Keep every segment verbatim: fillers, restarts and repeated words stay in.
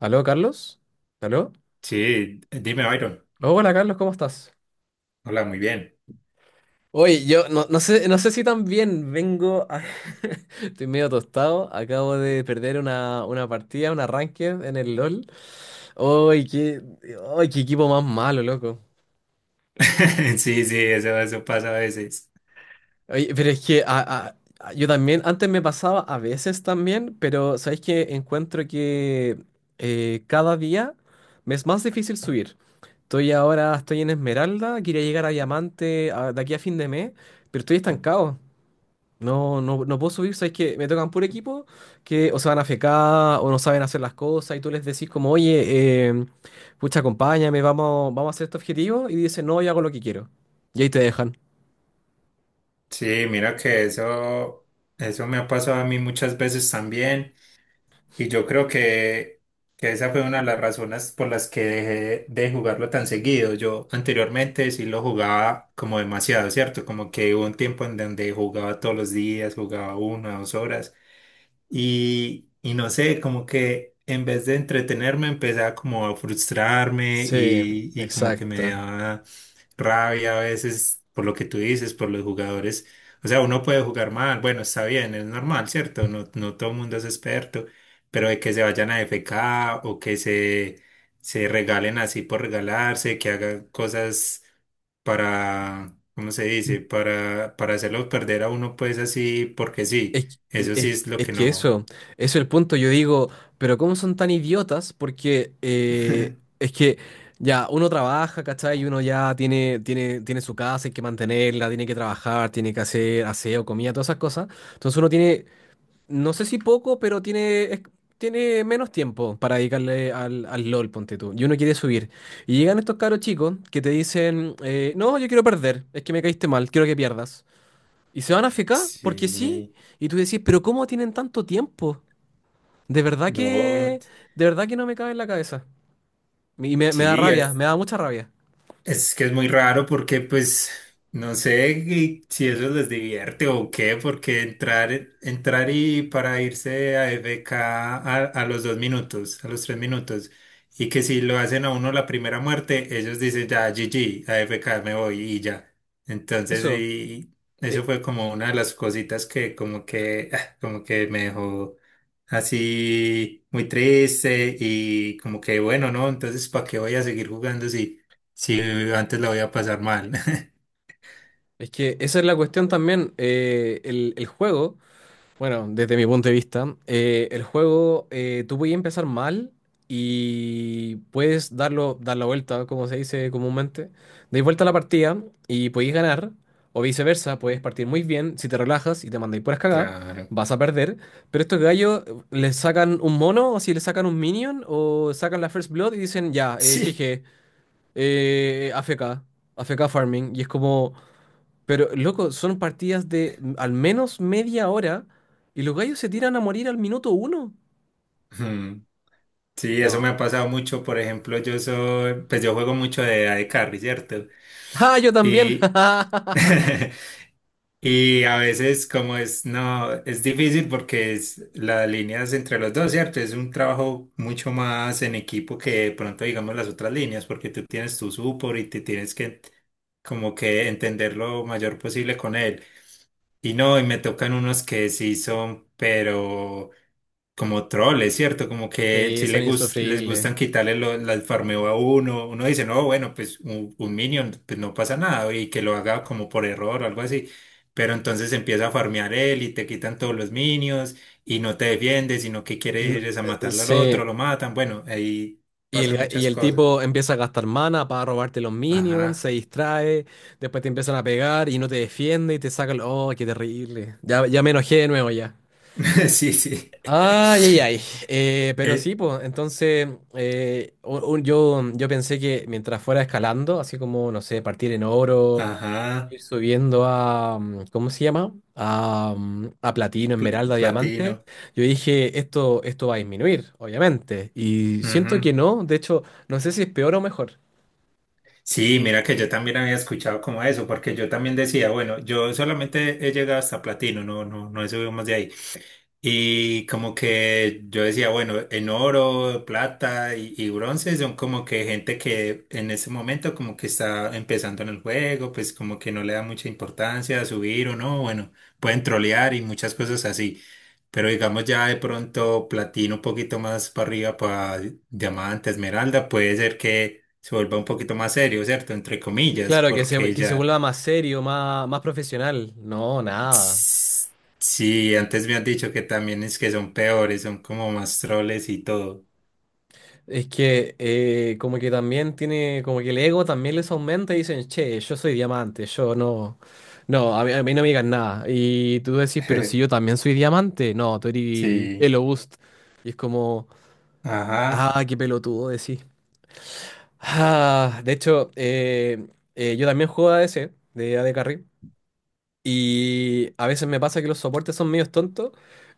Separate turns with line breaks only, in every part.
¿Aló, Carlos? ¿Aló?
Sí, dime, Byron.
Hola, Carlos, ¿cómo estás?
Hola, muy bien.
Oye, yo no, no sé, no sé si también vengo a- Estoy medio tostado, acabo de perder una, una partida, un arranque en el LOL. ¡Ay, qué, ay, qué equipo más malo, loco!
Sí, sí, eso, eso pasa a veces.
Oye, pero es que a- a- a- yo también, antes me pasaba a veces también, pero sabéis que encuentro que eh, cada día me es más difícil subir. Estoy ahora, estoy en Esmeralda, quería llegar a Diamante a- de aquí a fin de mes, pero estoy estancado. No, no, no puedo subir, sabes que me tocan puro equipo que o se van a fecar o no saben hacer las cosas y tú les decís como, oye, eh, pucha, acompáñame, vamos, vamos a hacer este objetivo y dicen, no, yo hago lo que quiero. Y ahí te dejan.
Sí, mira que eso, eso me ha pasado a mí muchas veces también. Y yo creo que, que esa fue una de las razones por las que dejé de jugarlo tan seguido. Yo anteriormente sí lo jugaba como demasiado, ¿cierto? Como que hubo un tiempo en donde jugaba todos los días, jugaba una, dos horas. Y, y no sé, como que en vez de entretenerme, empezaba como a frustrarme
Sí,
y, y como que me
exacto.
daba rabia a veces por lo que tú dices, por los jugadores. O sea, uno puede jugar mal, bueno, está bien, es normal, ¿cierto? No, no todo el mundo es experto, pero de que se vayan a F K o que se, se regalen así por regalarse, que hagan cosas para, ¿cómo se dice? Para, para hacerlo perder a uno pues así porque sí.
Es,
Eso sí
es-
es lo
es
que
que
no.
eso, eso es el punto. Yo digo, pero ¿cómo son tan idiotas? Porque eh, es que ya uno trabaja, ¿cachai? Y uno ya tiene, tiene, tiene su casa, hay que mantenerla, tiene que trabajar, tiene que hacer aseo, comida, todas esas cosas. Entonces uno tiene, no sé si poco, pero tiene, es- tiene menos tiempo para dedicarle al, al LOL, ponte tú. Y uno quiere subir. Y llegan estos caros chicos que te dicen, eh, no, yo quiero perder, es que me caíste mal, quiero que pierdas. Y se van a fecar, porque sí.
Sí,
Y tú decís, pero ¿cómo tienen tanto tiempo? De verdad
no.
que, de verdad que no me cabe en la cabeza. Y me, me da
Sí,
rabia,
es-
me da mucha rabia.
Es que es muy raro porque pues no sé qué- si eso les divierte o qué, porque entrar, entrar y para irse a f k a, a los dos minutos, a los tres minutos, y que si lo hacen a uno la primera muerte, ellos dicen ya G G, a f k me voy y ya. Entonces
Eso,
y eso
eh,
fue como una de las cositas que como que, ah, como que me dejó así muy triste y como que bueno, ¿no? Entonces ¿para qué voy a seguir jugando si... Sí, antes la voy a pasar mal.
es que esa es la cuestión también. Eh, el, el juego Bueno, desde mi punto de vista, eh, el juego, eh, tú puedes empezar mal y puedes darlo, dar la vuelta, como se dice comúnmente. Deis vuelta a la partida y podéis ganar, o viceversa, puedes partir muy bien. Si te relajas y te mandáis puras cagadas,
Claro.
vas a perder. Pero estos gallos eh, les sacan un mono, o si les sacan un minion, o sacan la First Blood y dicen, ya, eh,
Sí.
jeje, eh, A F K, A F K Farming. Y es como. Pero, loco, son partidas de mm, al menos media hora y los gallos se tiran a morir al minuto uno.
Ujú. Sí, eso me
No.
ha pasado mucho. Por ejemplo, yo soy, pues yo juego mucho de A D Carry, ¿cierto?
¡Ah, yo también!
Y, y a veces como es, no, es difícil porque es las líneas entre los dos, ¿cierto? Es un trabajo mucho más en equipo que de pronto, digamos, las otras líneas, porque tú tienes tu support y te tienes que como que entender lo mayor posible con él. Y no, y me tocan unos que sí son, pero como troll, es cierto, como que
Sí,
si le
son
gus- les
insufribles.
gustan quitarle lo- las farmeo a uno, uno dice, no, bueno, pues un, un minion, pues no pasa nada, y que lo haga como por error o algo así, pero entonces empieza a farmear él y te quitan todos los minions y no te defiendes, sino que quiere
N-
ir es a
eh,
matarlo al otro,
Sí.
lo matan, bueno, ahí
Y el,
pasan
ga- y
muchas
el
cosas.
tipo empieza a gastar mana para robarte los minions,
Ajá,
se distrae, después te empiezan a pegar y no te defiende y te sacan... ¡Oh, qué terrible! Ya, ya me enojé de nuevo ya.
sí, sí.
Ay, ay, ay. Eh, pero sí,
Eh,
pues, entonces eh, u- u- yo, yo pensé que mientras fuera escalando, así como, no sé, partir en oro,
ajá,
ir subiendo a, mm, ¿cómo se llama? A, mm, a platino,
pl-
esmeralda, diamante,
platino.
yo dije, esto, esto va a disminuir, obviamente. Y siento que
Ujú.
no, de hecho, no sé si es peor o mejor.
Sí, mira que yo también había escuchado como eso, porque yo también decía, bueno, yo solamente he llegado hasta platino, no, no, no he subido más de ahí. Y como que yo decía, bueno, en oro, plata y, y bronce son como que gente que en ese momento como que está empezando en el juego, pues como que no le da mucha importancia a subir o no, bueno, pueden trolear y muchas cosas así. Pero digamos ya de pronto platino un poquito más para arriba para diamante, esmeralda, puede ser que se vuelva un poquito más serio, ¿cierto? Entre comillas,
Claro, que se,
porque
que se
ya
vuelva más serio, más, más profesional. No, nada.
Tss, sí, antes me han dicho que también es que son peores, son como más troles y todo.
Es que eh, como que también tiene, como que el ego también les aumenta y dicen, che, yo soy diamante, yo no, no, a mí, a mí no me digan nada. Y tú decís, pero si yo también soy diamante, no, tú eres
Sí,
Elobust. Y es como,
ajá.
ah, qué pelotudo decís. Ah, de hecho, eh, eh, yo también juego A D C, de A AD Carry. Y a veces me pasa que los soportes son medios tontos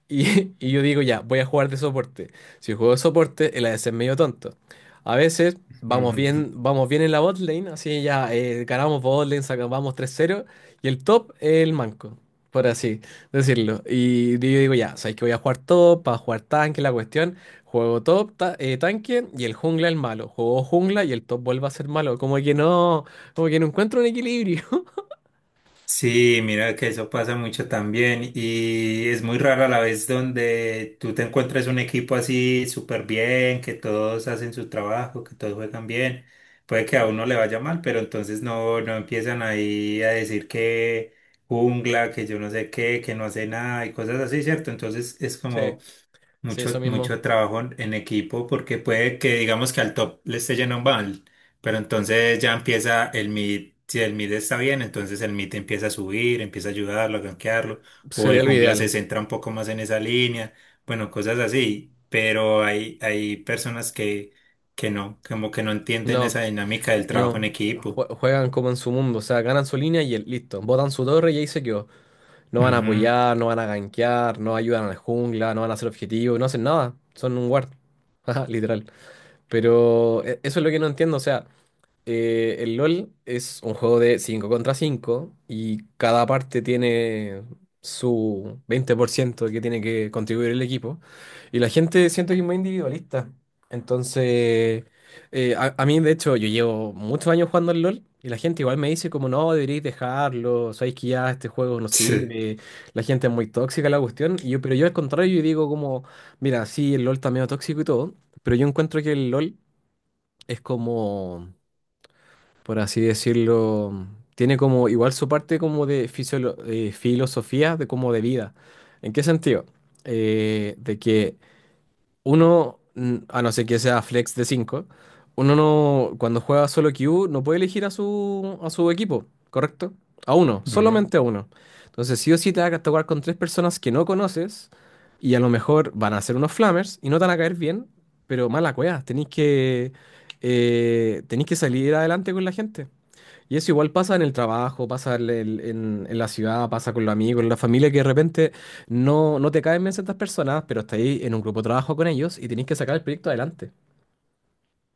y, y yo digo, ya, voy a jugar de soporte. Si juego de soporte, el A D C es medio tonto. A veces vamos bien, vamos bien en la bot lane, así ya eh, ganamos bot lane, sacamos tres cero y el top es el manco, por así decirlo. Y yo digo, ya, sabéis que voy a jugar top, para jugar tanque, la cuestión. Juego top, ta- eh, tanque y el jungla el malo. Juego jungla y el top vuelve a ser malo. Como que no, como que no encuentro un equilibrio.
Sí, mira que eso pasa mucho también y es muy rara la vez donde tú te encuentres un equipo así súper bien, que todos hacen su trabajo, que todos juegan bien. Puede que a uno le vaya mal, pero entonces no, no empiezan ahí a decir que jungla, que yo no sé qué, que no hace nada y cosas así, ¿cierto? Entonces es como,
Sí, sí, eso
mucho, mucho
mismo.
trabajo en equipo porque puede que digamos que al top le esté yendo mal, pero entonces ya empieza el mid, si el mid está bien, entonces el mid empieza a subir, empieza a ayudarlo, a gankearlo, o el
Sería lo
jungla se
ideal.
centra un poco más en esa línea, bueno, cosas así, pero hay, hay personas que, que no, como que no entienden
No,
esa dinámica del trabajo en
no.
equipo.
Jue- Juegan como en su mundo, o sea, ganan su línea y el- listo. Botan su torre y ahí se quedó. No van a
Ujú,
apoyar, no van a gankear, no ayudan a la jungla, no van a hacer objetivos, no hacen nada. Son un guard. Ajá, literal. Pero e- eso es lo que no entiendo, o sea. Eh, el LOL es un juego de cinco contra cinco y cada parte tiene su veinte por ciento que tiene que contribuir el equipo. Y la gente siento que es muy individualista. Entonces, eh, a, a mí de hecho yo llevo muchos años jugando al LOL y la gente igual me dice como no, deberíais dejarlo, sabéis que ya este juego no
Sí.
sirve, la gente es muy tóxica la cuestión. Y yo, pero yo al contrario, yo digo como, mira, sí, el LOL está medio tóxico y todo, pero yo encuentro que el LOL es como por así decirlo, tiene como igual su parte como de fisiolo- eh, filosofía, de como de vida. ¿En qué sentido? Eh, de que uno, mm, a no ser que sea flex de cinco uno no, cuando juega solo Q no puede elegir a su, a su equipo, ¿correcto? A uno,
Ujú.
solamente a uno. Entonces sí o sí te vas a tocar con tres personas que no conoces y a lo mejor van a ser unos flamers y no te van a caer bien, pero mala cueva, tenéis que, eh, tenéis que salir adelante con la gente. Y eso igual pasa en el trabajo, pasa en, el- en- en la ciudad, pasa con los amigos, en la familia, que de repente no, no te caen bien ciertas personas, pero estás ahí en un grupo de trabajo con ellos y tenés que sacar el proyecto adelante.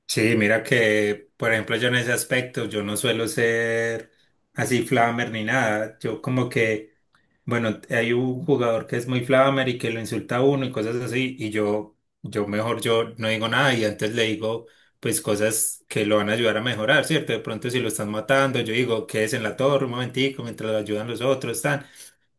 Sí, mira que, por ejemplo, yo en ese aspecto, yo no suelo ser así flamer ni nada. Yo como que, bueno, hay un jugador que es muy flamer y que lo insulta a uno y cosas así, y yo, yo mejor yo no digo nada y antes le digo, pues cosas que lo van a ayudar a mejorar, ¿cierto? De pronto si lo están matando, yo digo, quédese en la torre un momentico mientras lo ayudan los otros, tan.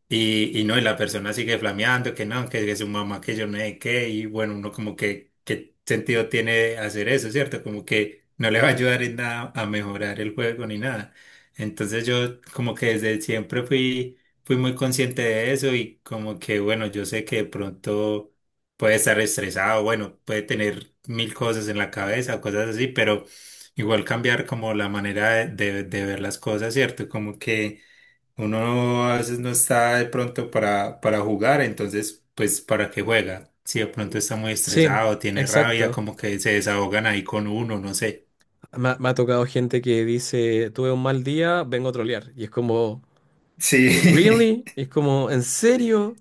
Y, y no, y la persona sigue flameando, que no, que, que su mamá, que yo no sé qué, y bueno, uno como que, ¿qué sentido tiene hacer eso, cierto? Como que no le va a ayudar en nada a mejorar el juego ni nada. Entonces yo como que desde siempre fui, fui muy consciente de eso y como que, bueno, yo sé que de pronto puede estar estresado, bueno, puede tener mil cosas en la cabeza, cosas así, pero igual cambiar como la manera de, de de ver las cosas, cierto? Como que... Uno a veces no está de pronto para, para jugar, entonces, pues, ¿para qué juega? Si de pronto está muy
Sí,
estresado, tiene rabia,
exacto.
como que se desahogan ahí con uno, no sé.
Me, ha me ha tocado gente que dice, tuve un mal día, vengo a trolear. Y es como,
Sí.
¿really? Y es como, ¿en serio?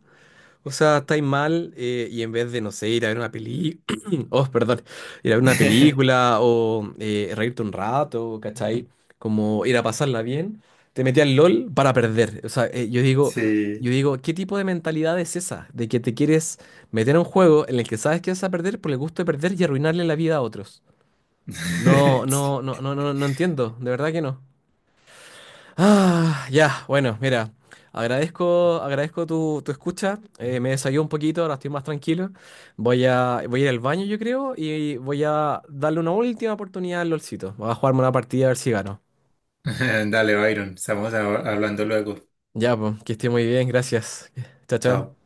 O sea, estáis mal eh, y en vez de, no sé, ir a ver una peli... oh, perdón, ir a ver una película o eh, reírte un rato, ¿cachai? Como ir a pasarla bien, te metí al LOL para perder. O sea, eh, yo digo,
Sí.
yo digo, ¿qué tipo de mentalidad es esa? De que te quieres meter a un juego en el que sabes que vas a perder por el gusto de perder y arruinarle la vida a otros. No, no, no, no, no, no entiendo, de verdad que no. Ah, ya, bueno, mira, agradezco, agradezco tu, tu escucha, eh, me desahogué un poquito, ahora estoy más tranquilo, voy a, voy a ir al baño yo creo y voy a darle una última oportunidad al LOLcito, voy a jugarme una partida a ver si gano.
Dale, Byron, estamos a- hablando luego.
Ya, pues, que esté muy bien, gracias, chao, chao.
Chao.